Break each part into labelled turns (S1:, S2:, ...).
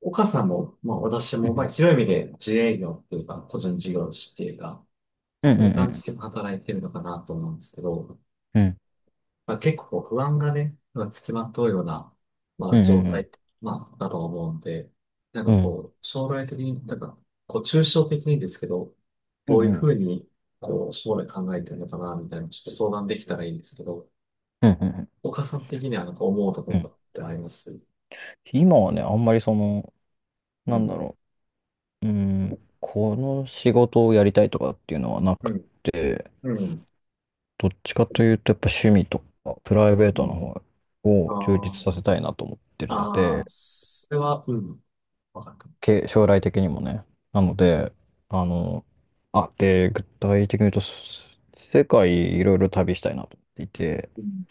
S1: 岡さんも、まあ私
S2: う
S1: も、まあ
S2: ん、
S1: 広い意味で自営業っていうか、個人事業主っていうか、
S2: うん、
S1: そう
S2: う
S1: いう感じ
S2: ん、
S1: で働いてるのかなと思うんですけど、
S2: うん、
S1: まあ結構不安がね、まあ、つきまとうような、ま
S2: う
S1: あ
S2: ん、
S1: 状
S2: うん、うん、
S1: 態、まあだと思うんで、なん
S2: う
S1: か
S2: ん、
S1: こう、将来的に、なんか、こう、抽象的にですけど、
S2: うん、
S1: ど
S2: う
S1: う
S2: ん、
S1: いう
S2: う
S1: ふ
S2: ん、
S1: うに、こう、将来考えてるのかな、みたいな、ちょっと相談できたらいいんですけど、
S2: うん、うん。
S1: 岡さん的にはなんか思うところってあります。
S2: 今はね、あんまり
S1: う
S2: なんだ
S1: ん。
S2: ろう、うーん、この仕事をやりたいとかっていうのはな
S1: う
S2: く
S1: ん。
S2: て、
S1: うん。
S2: どっちかというとやっぱ趣味とかプライベート
S1: う
S2: の
S1: ん。
S2: 方
S1: あ
S2: を充実
S1: あ。
S2: させたいなと思ってるの
S1: ああ、
S2: で、
S1: それは、うん、わかるかも。
S2: 将来的にもね。なので、あの、あ、で、具体的に言うと、世界いろいろ旅したいなと思っていて、
S1: うん、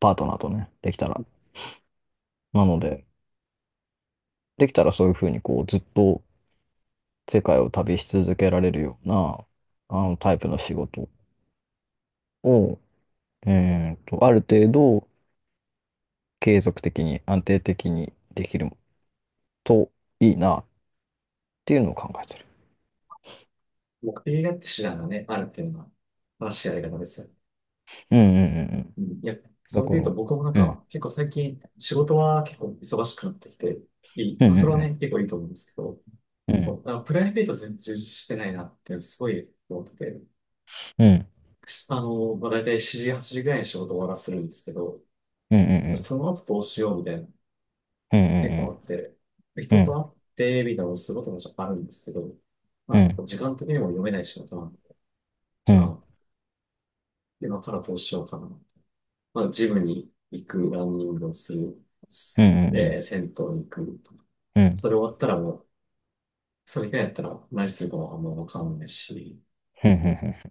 S2: パートナーとね、できたら。なので。
S1: 目的があって手段がね、あるっていうのが、正しいやり方ですよね。うん、いや、それで言うと僕もなんか、結構最近、仕事は結構忙しくなってきて、いい。まあ、それはね、結構いいと思うんですけど、そう、だからプライベート全然充実してないなって、すごい思ってて、あの、まあ、大体7時、8時ぐらいに仕事終わらせるんですけど、その後どうしようみたいな結構あって、人と会ってみたいなのをすることもあるんですけど、まあ、時間的にも読めない仕事なんで、じゃあ、今からどうしようかな。まあ、ジムに行く、ランニングをする、すえー、銭湯に行くとか。それ終わったらもう、それ以外やったら何するかはあんまわかんないし、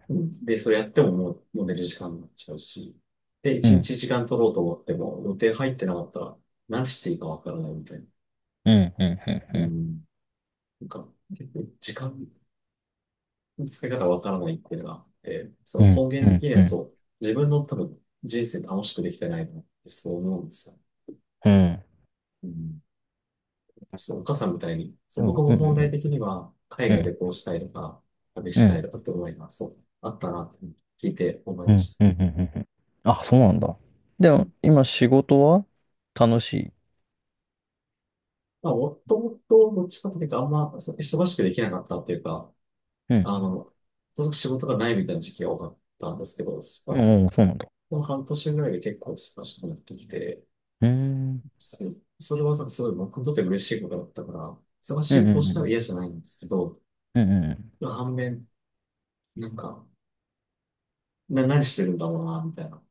S1: うんで、それやってももう、もう寝る時間になっちゃうし、で、一日時間取ろうと思っても、予定入ってなかったら、何していいかわからないみたいな。うん、なんか、結構時間使い方わからないっていうのがあって、その根源的にはそう、自分の多分人生楽しくできてないなってそう思うんですよ。うん、そう、お母さんみたいに、そう僕も本来的には海外でこうしたいとか、旅したいとかって思いがそう、あったなって聞いて思い
S2: う
S1: ま
S2: ん、
S1: し
S2: うん、う
S1: た。
S2: ん、うん。うん、あ、そうなんだ。で
S1: う
S2: も、
S1: ん。
S2: 今仕事は楽しい？
S1: まあ、もともとどっちかというとあんまそう忙しくできなかったっていうか、
S2: うん。
S1: あの、とにかく仕事がないみたいな時期が多かったんですけど、まあ、
S2: おお、そうなんだ。
S1: この半年ぐらいで結構忙しくなってきて、
S2: うーん。
S1: それそれはすごい僕にとって嬉しいことだったから、忙し
S2: う
S1: い
S2: ん、う
S1: こと
S2: ん、
S1: し
S2: う
S1: たら
S2: ん。
S1: 嫌じゃないんですけど、
S2: うん、うん、うん。
S1: 反面、なんか、何してるんだろうな、みたいな。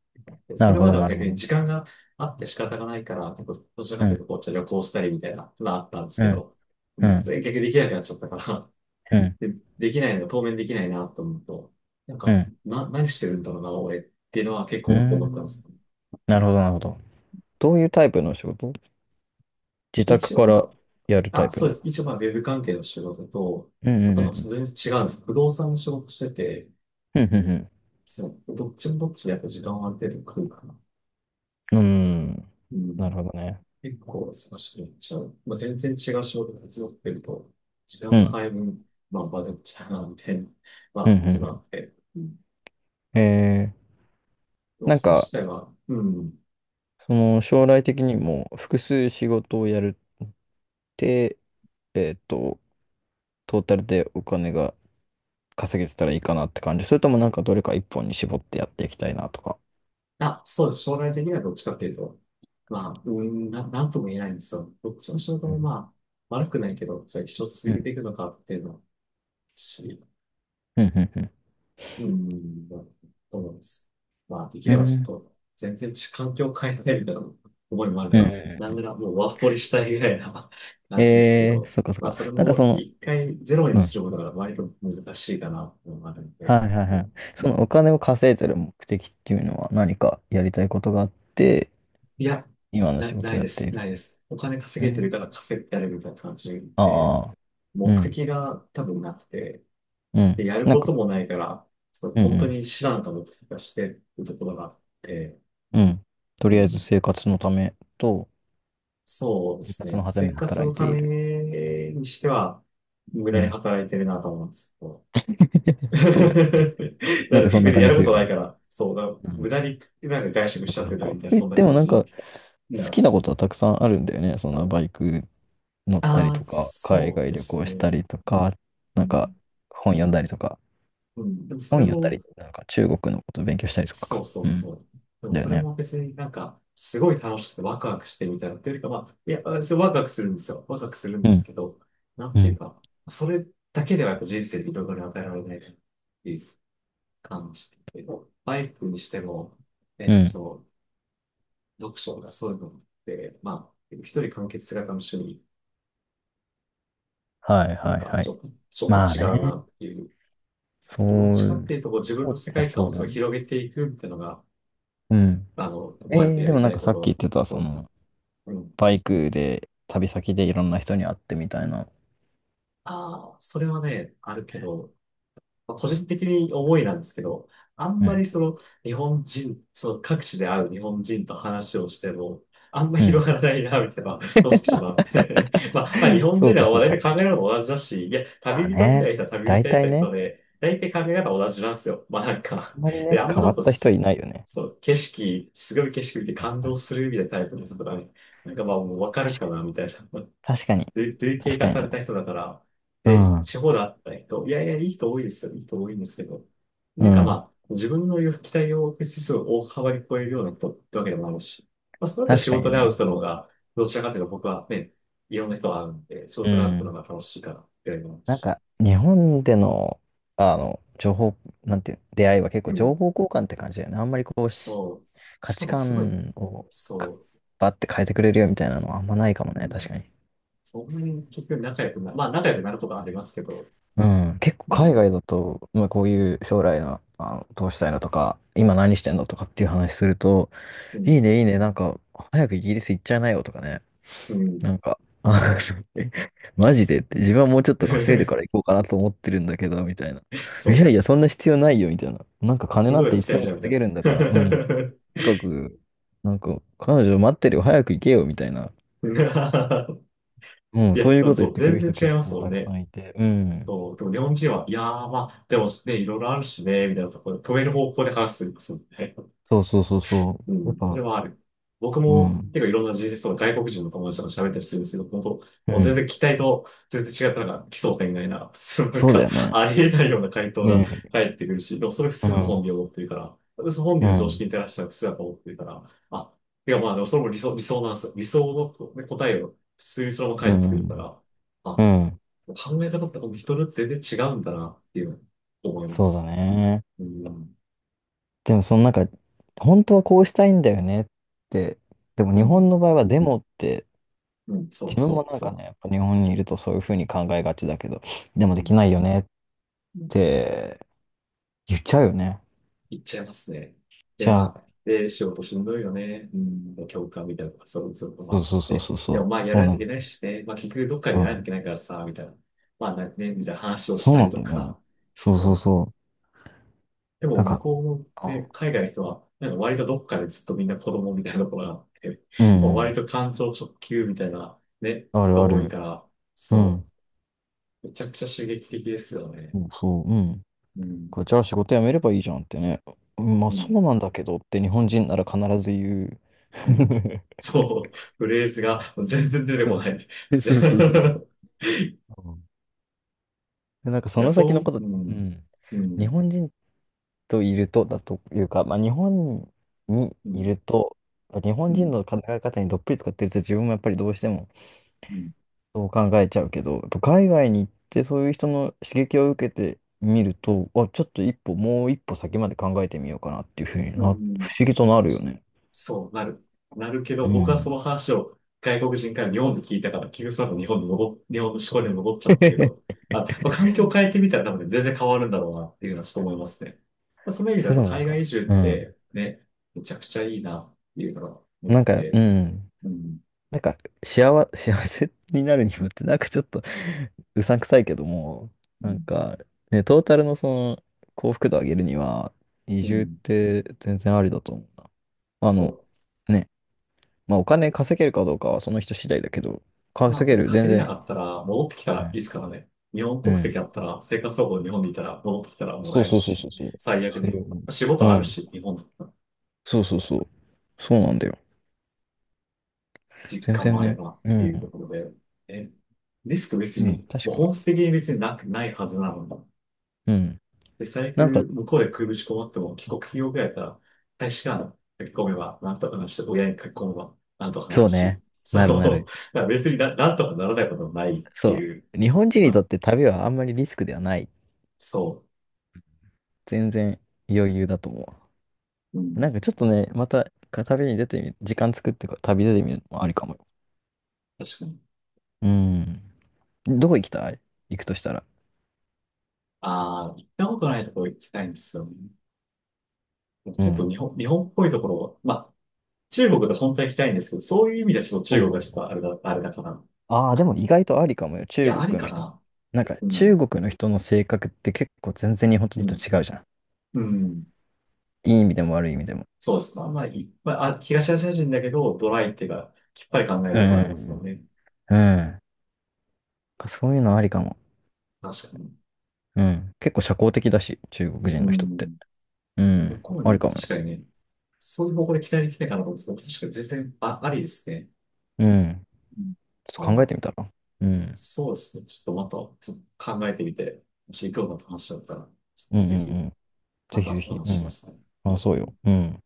S2: な
S1: そ
S2: る
S1: れ
S2: ほ
S1: ま
S2: ど、
S1: では
S2: なる
S1: 逆
S2: ほ
S1: に
S2: ど。
S1: 時間があって仕方がないから、結構、どちらか
S2: う
S1: という
S2: ん、
S1: と、こう、じゃあ旅行したりみたいなのがあったんです
S2: う
S1: け
S2: ん、
S1: ど、う
S2: う
S1: ん、そ
S2: ん、
S1: れ逆にできなくなっちゃったから、
S2: うん、
S1: で、できないのが当面できないな、と思うと、なん
S2: う
S1: か、
S2: ん。
S1: 何してるんだろうな、俺っていうのは結
S2: うー
S1: 構思ったんで
S2: ん。
S1: すね。
S2: なるほど、なるほど。どういうタイプの仕事？自宅
S1: 一応
S2: か
S1: なん
S2: ら
S1: か、
S2: やるタイ
S1: あ、
S2: プ
S1: そうで
S2: の？
S1: す。一応まあ、ウェブ関係の仕事と、
S2: うん、
S1: あ
S2: うん、
S1: と
S2: う
S1: は
S2: ん。
S1: 全然違うんです。不動産の仕事してて、
S2: うん、う
S1: そう、どっちもどっちでやっぱ時間はある程度来るかな。
S2: ん、うん。うーん。
S1: う
S2: なる
S1: ん。
S2: ほどね。
S1: 結構忙しくなっちゃう。まあ、全然違う仕事が強くてると、時
S2: う
S1: 間の
S2: ん、
S1: 配分、まあ、バレちゃうな、みたいな、ま
S2: うん、う
S1: あ、
S2: ん。
S1: 自分あ
S2: う
S1: って。うん。
S2: ん、
S1: でも
S2: なん
S1: それ自
S2: か、
S1: 体は、うん。
S2: その将来的にも複数仕事をやるって、えっと、トータルでお金が稼げてたらいいかなって感じ？それともなんかどれか一本に絞ってやっていきたいなとか？
S1: あ、そうです。将来的にはどっちかっていうと、まあ、うん、なんとも言えないんですよ。どっちの仕事
S2: う
S1: も
S2: ん。
S1: まあ、悪くないけど、じゃあ一生
S2: う
S1: 続けて
S2: ん。
S1: いくのかっていうのは、し、
S2: うん。うん。
S1: うん、まあ、そうなんです。まあ、でき
S2: う
S1: ればちょっ
S2: ん。
S1: と、全然環境を変えたいみたいな思いもある
S2: う
S1: か
S2: ん、
S1: ら、な
S2: う
S1: んな
S2: ん、
S1: らもうワーホリしたいぐらいな 感じですけど、
S2: そっかそっ
S1: まあ、
S2: か。
S1: それ
S2: なんかそ
S1: も
S2: の、
S1: 一回ゼロに
S2: う
S1: す
S2: ん。
S1: ることが割と難しいかなと思うのがあるん
S2: は
S1: で、
S2: いはい
S1: う
S2: はい。そのお
S1: ん、
S2: 金を稼いでる目的っていうのは何かやりたいことがあって、
S1: いや、
S2: 今の仕
S1: な
S2: 事を
S1: い
S2: や
S1: で
S2: ってい
S1: す、な
S2: る？
S1: いです。お金稼
S2: う
S1: げてる
S2: ん。
S1: から稼いでやるみたいな感じで、
S2: ああ、う
S1: 目
S2: ん。
S1: 的が多分なくて、
S2: う
S1: で、
S2: ん。
S1: やる
S2: なん
S1: こ
S2: か、
S1: ともないから、そう、
S2: う
S1: 本当
S2: ん、
S1: に知らんかもとかしてるところがあって、
S2: うん。うん。と
S1: う
S2: りあえず
S1: ん。
S2: 生活のためと、
S1: そうで
S2: 生
S1: す
S2: 活
S1: ね。
S2: のため
S1: 生
S2: に
S1: 活
S2: 働い
S1: の
S2: て
S1: た
S2: い
S1: め
S2: る。
S1: にしては、無
S2: う
S1: 駄に
S2: ん。
S1: 働いてるなと思うんですけど。
S2: そう、なん
S1: だ
S2: かそん
S1: 別
S2: な
S1: に
S2: 感
S1: や
S2: じ
S1: る
S2: す
S1: こ
S2: る
S1: と
S2: よ
S1: ない
S2: ね。
S1: から、そうだ、
S2: うん。
S1: 無駄になんか外食
S2: そ
S1: し
S2: っ
S1: ちゃ
S2: か
S1: っ
S2: そ
S1: て
S2: っか。
S1: たみ
S2: と
S1: たいな、
S2: 言っ
S1: そんな
S2: ても
S1: 感
S2: なん
S1: じ。い
S2: か好
S1: や、
S2: きなことはたくさんあるんだよね。そのバイク乗ったり
S1: あ
S2: と
S1: あ、
S2: か、海
S1: そう
S2: 外
S1: で
S2: 旅
S1: す
S2: 行し
S1: ね。
S2: たりとか、
S1: う
S2: なんか
S1: ん、
S2: 本読んだりとか、
S1: うん、でもそ
S2: 本
S1: れ
S2: 読んだ
S1: も、
S2: り、なんか中国のことを勉強したりとか
S1: そう
S2: か。
S1: そう
S2: うん。
S1: そう。でも
S2: だよ
S1: それ
S2: ね。
S1: も別になんか、すごい楽しくてワクワクしてみたいなっていうよりか、まあ、いや、それワクワクするんですよ。ワクワクするん
S2: う
S1: です
S2: ん。
S1: けど、なん
S2: う
S1: ていう
S2: ん。
S1: か、それだけではやっぱ人生でいろいろ与えられないっていう感じで、バイクにしても、
S2: う
S1: ね、
S2: ん。
S1: そう、読書がそういうのって、まあ、一人完結型の趣味、
S2: はい
S1: なん
S2: はい
S1: か
S2: は
S1: ち
S2: い。
S1: ょ、ちょっと
S2: まあ
S1: 違うな
S2: ね。
S1: っていう、
S2: そ
S1: どっち
S2: う、
S1: かっていうとこう自分の世
S2: じゃ、
S1: 界観
S2: そう
S1: を
S2: だ
S1: そう
S2: ね。
S1: 広げていくっていうのが、
S2: うん。
S1: あの、バイク
S2: え
S1: でや
S2: でも
S1: り
S2: なん
S1: た
S2: か
S1: いこ
S2: さっき言っ
S1: と、
S2: てた、
S1: そう。うん、
S2: バイクで旅先でいろんな人に会ってみたいな。
S1: ああ、それはね、あるけど、まあ個人的に思いなんですけど、あん
S2: う
S1: ま
S2: ん。
S1: りその日本人、その各地で会う日本人と話をしても、あんま
S2: うん。
S1: 広がらないな、みたいな、正直ちょっとあって。まあ、まあ、日 本
S2: そ
S1: 人
S2: う
S1: で
S2: か
S1: は
S2: そう
S1: 大
S2: か。
S1: 体考え方も同じだし、いや、
S2: まあ
S1: 旅人みた
S2: ね、
S1: いな人は旅人
S2: 大
S1: み
S2: 体
S1: たいな人
S2: ね、
S1: で、大体考え方同じなんですよ。まあなん
S2: あ
S1: か、
S2: んまり
S1: で、
S2: ね、
S1: あんま
S2: 変
S1: ち
S2: わ
S1: ょっ
S2: っ
S1: と
S2: た人い
S1: す、
S2: ないよね。
S1: そう、景色、すごい景色見て
S2: わ
S1: 感
S2: か
S1: 動
S2: る。
S1: するみたいなタイプの人とかね、なんかまあもうわかる
S2: 確
S1: か
S2: かに。
S1: な、みたいな。
S2: 確かに。
S1: 類型
S2: 確か
S1: 化
S2: に
S1: された
S2: ね、
S1: 人だから、
S2: う
S1: で、
S2: ん。
S1: 地方だった人、いやいや、いい人多いですよ。いい人多いんですけど、
S2: う
S1: なんかま
S2: ん。
S1: あ、自分の期待を指数を大幅に超えるような人ってわけでもあるし、まあ、そうだったら
S2: 確
S1: 仕
S2: か
S1: 事
S2: に
S1: で会う
S2: ね。
S1: 人の方が、どちらかというと僕はね、いろんな人が会うんで、仕
S2: う
S1: 事で会うの
S2: ん。
S1: が楽しいからっていうのもある
S2: なん
S1: し、
S2: か、日本での、情報、なんていう、出会いは結
S1: う
S2: 構
S1: ん。
S2: 情報交換って感じだよね。あんまりこうし、
S1: そう。
S2: 価
S1: しか
S2: 値
S1: もすごい、
S2: 観をか
S1: そ
S2: バッて変えてくれるよみたいなのはあんまないかも
S1: う、う
S2: ね。
S1: ん。
S2: 確かに。
S1: そんなに結局仲良くな、まあ仲良くなることはありますけど、
S2: うん。結構
S1: う
S2: 海
S1: ん、
S2: 外だと、まあ、こういう将来の、どうしたいのとか、今何してんのとかっていう話すると、
S1: う
S2: いい
S1: ん、
S2: ね、いいね。なんか、早くイギリス行っちゃいなよとかね。
S1: うん。
S2: なんか、あ そう、マジでって、自分はもうちょっと稼いでから行 こうかなと思ってるんだけど、みたいな。い
S1: そ
S2: やいや、
S1: う。
S2: そんな必要ないよ、みたいな。なんか金
S1: ど
S2: な
S1: こ
S2: ん
S1: で
S2: ていつ
S1: 使
S2: で
S1: えち
S2: も
S1: ゃうみた
S2: 稼
S1: い
S2: げるんだから、うん。と
S1: な
S2: にかく、なんか、彼女待ってるよ、早く行けよ、みたいな。うん、
S1: いや、
S2: そう
S1: で
S2: いう
S1: も
S2: こと
S1: そ
S2: 言っ
S1: う、
S2: てく
S1: 全
S2: る人
S1: 然違い
S2: 結
S1: ます
S2: 構
S1: もん
S2: たくさ
S1: ね。
S2: んいて、うん。
S1: そう、でも日本人は、いやー、まあ、でもね、いろいろあるしね、みたいなところで、止める方向で話すんですもんね。
S2: そうそうそうそ
S1: う
S2: う。やっ
S1: ん、それ
S2: ぱ、
S1: はある。僕
S2: う
S1: も
S2: ん。
S1: 結構いろんな人生そ外国人の友達とか喋ったりするんですけど、本当、
S2: う
S1: もう全
S2: ん。
S1: 然期待と全然違ったのが奇想天外な、そうなん
S2: そうだ
S1: か、
S2: よね。
S1: ありえないような回答が
S2: ねえ。
S1: 返ってくるし、でもそれ普
S2: う
S1: 通の本
S2: ん。
S1: 人を持ってるから、私本
S2: う
S1: 人の常
S2: ん。
S1: 識に照らしたら普通だと思ってるから、あ、いやまあでもそれも理想、理想なんですよ。理想のね答えを普通にそのまま
S2: う
S1: 返ってくるか
S2: ん。
S1: ら、
S2: う
S1: あ、
S2: ん。
S1: 考え方ってもう人によって全然違うんだなっていうのを思いま
S2: そうだ
S1: す。
S2: ね。
S1: うん、
S2: でもそのなんか、本当はこうしたいんだよねって、でも
S1: う
S2: 日本
S1: ん、
S2: の場合はデモって、
S1: うん、そ
S2: 自
S1: う
S2: 分
S1: そう
S2: もなんか
S1: そ
S2: ね、やっぱ日本にいるとそういうふうに考えがちだけど、でも
S1: う。う
S2: でき
S1: ん、
S2: ないよねって言っちゃうよね。
S1: 行っちゃいますね。で、
S2: じゃあ、
S1: まあ、で、仕事しんどいよね。うん、教官みたいなとか、そうそうと、
S2: そう
S1: ま
S2: そう
S1: あ、
S2: そう
S1: ね。
S2: そう
S1: でも
S2: そ
S1: まあ、や
S2: う。
S1: ら
S2: もう
S1: ない
S2: な
S1: とい
S2: んか、
S1: けないしね。まあ、結局どっか
S2: う
S1: でやらないとい
S2: ん、
S1: けないからさ、みたいな。まあ、なね、みたいな話をし
S2: そう
S1: た
S2: な
S1: り
S2: んだ
S1: と
S2: よね。
S1: か。
S2: そう
S1: そ
S2: そう
S1: う。
S2: そう。
S1: で
S2: な
S1: も、
S2: ん
S1: 向
S2: か、
S1: こうの、
S2: う
S1: ね、
S2: ん、
S1: 海外の人は、なんか割とどっかでずっとみんな子供みたいなところがあって、もう割と感情直球みたいな、ね、
S2: あるあ
S1: 人多い
S2: る。
S1: から、
S2: う
S1: そ
S2: ん、
S1: う。めちゃくちゃ刺激的ですよね。
S2: そうそう、うん。
S1: うん。
S2: これじゃあ仕事辞めればいいじゃんってね。うん、まあ
S1: う
S2: そ
S1: ん。
S2: うなんだけどって日本人なら必ず言う。
S1: うん。そう、フレーズが全然出て
S2: う
S1: こ
S2: ん。
S1: ない。
S2: で、
S1: で
S2: そうそうそうそう。うん。で、なんか
S1: い
S2: そ
S1: や、
S2: の先
S1: そ
S2: のこと、
S1: う、う
S2: う
S1: ん、
S2: ん。
S1: う
S2: 日
S1: ん、
S2: 本人といるとだというか、まあ、日本に
S1: う
S2: い
S1: ん、
S2: ると、日
S1: う
S2: 本人
S1: ん、
S2: の考え方にどっぷり使ってると自分もやっぱりどうしても
S1: うん、
S2: そう考えちゃうけど、やっぱ海外に行ってそういう人の刺激を受けてみると、あ、ちょっと一歩、もう一歩先まで考えてみようかなっていうふうに
S1: う
S2: 不思
S1: ん。
S2: 議となるよね。
S1: そう、なる。なるけ
S2: う
S1: ど、僕はそ
S2: ん。
S1: の話を外国人から日本で聞いたから、結局その後日本の思考に戻っちゃったけど、あ、まあ、環境を変えてみたら多分全然変わるんだろうなっていうのはちょっと
S2: う
S1: 思いま
S2: ん。
S1: すね。まあ、その意味で
S2: そ
S1: は
S2: れ
S1: や
S2: で
S1: っぱ
S2: もなん
S1: 海外
S2: か、
S1: 移住っ
S2: うん。
S1: てね、めちゃくちゃいいなっていうのが思っ
S2: なん
S1: て
S2: か、う
S1: て、
S2: ん。
S1: うん、
S2: なんか、幸せになるにもって、なんかちょっと うさんくさいけども、
S1: う
S2: なん
S1: ん、
S2: か、ね、トータルのその幸福度上げるには、移
S1: う
S2: 住っ
S1: ん、
S2: て全然ありだと思うな。あ
S1: そ
S2: の、
S1: う。
S2: ね、まあお金稼げるかどうかはその人次第だけど、
S1: まあ
S2: 稼げ
S1: 別
S2: る、
S1: に
S2: 全
S1: 稼げな
S2: 然。
S1: かったら戻ってきたら
S2: う
S1: いいで
S2: ん。
S1: すからね。日本
S2: う
S1: 国籍
S2: ん。
S1: あったら、生活保護日本でいたら戻ってきたらも
S2: そ
S1: ら
S2: う
S1: える
S2: そうそうそ
S1: し、
S2: うそう。
S1: 最悪
S2: それ
S1: ね。
S2: を。
S1: 仕
S2: う
S1: 事ある
S2: ん。
S1: し、日本だったら
S2: そうそうそう。そうなんだよ。
S1: 実
S2: 全
S1: 家
S2: 然
S1: もあれ
S2: ね。
S1: ばっ
S2: う
S1: ていうと
S2: ん。
S1: ころで、え、リスク別
S2: うん、
S1: に、
S2: 確
S1: もう
S2: かに。
S1: 本質的に別にないはずなのに。
S2: うん。
S1: で、最
S2: なんか、
S1: 悪向こうで食いぶち困っても帰国企業ぐらいだったら、大使館書き込めばなんとかなるし、親に書き込めばなんとかな
S2: そ
S1: る
S2: うね。
S1: し、
S2: なるな
S1: そ
S2: る。
S1: う、だから別になんとかならないこともないって
S2: そ
S1: いう、
S2: う。日本
S1: そん
S2: 人にと
S1: な、
S2: って旅はあんまりリスクではない。
S1: そ
S2: 全然余裕だと思
S1: う、う
S2: う。な
S1: ん、
S2: んかちょっとね、また旅に出てみる、時間作って旅出てみるのもありかもよ。
S1: 確かに。
S2: うん。どこ行きたい、行くとしたら？
S1: ああ、行ったことないところ行きたいんですよね。もう
S2: う
S1: ちょっと
S2: ん。
S1: 日本っぽいところ、まあ、中国で本当は行きたいんですけど、そういう意味ではちょっと
S2: お
S1: 中国がちょっと
S2: う、
S1: あれだから。
S2: ああー、で
S1: あ、
S2: も意外とありかもよ。
S1: い
S2: 中
S1: や、あり
S2: 国の
S1: か
S2: 人。
S1: な。
S2: なんか
S1: うん、
S2: 中国の人の性格って結構全然日本
S1: う
S2: 人と
S1: ん、
S2: 違うじゃ
S1: うん。
S2: ん。いい意味でも悪い意味でも。
S1: そうですね。まあ、いっぱい、まあ、あ東アジア人だけど、ドライっていうか、きっぱり考える
S2: う
S1: ことありますよ
S2: ん。
S1: ね。
S2: うん。なんかそういうのありかも。
S1: 確かに。
S2: うん。結構社交的だし、中国人
S1: う
S2: の人って。
S1: ん。
S2: う
S1: 向
S2: ん。
S1: こう
S2: あり
S1: に、
S2: かも
S1: 確
S2: よ。
S1: かにね、そういう方向で期待できないかなと思うんですけど、確かに全然、あ、ありですね。
S2: うん。
S1: うん。
S2: ちょっと考え
S1: あ、
S2: てみたら？うん。
S1: そうですね。ちょっとまた、ちょっと考えてみて、もし興味のあった話だったら、ちょっ
S2: うん、
S1: と
S2: う
S1: ぜひ、
S2: ん、うん。
S1: ま
S2: ぜひぜ
S1: たお
S2: ひ。
S1: 話し
S2: う
S1: しま
S2: ん。
S1: すね。
S2: あ、そうよ。うん。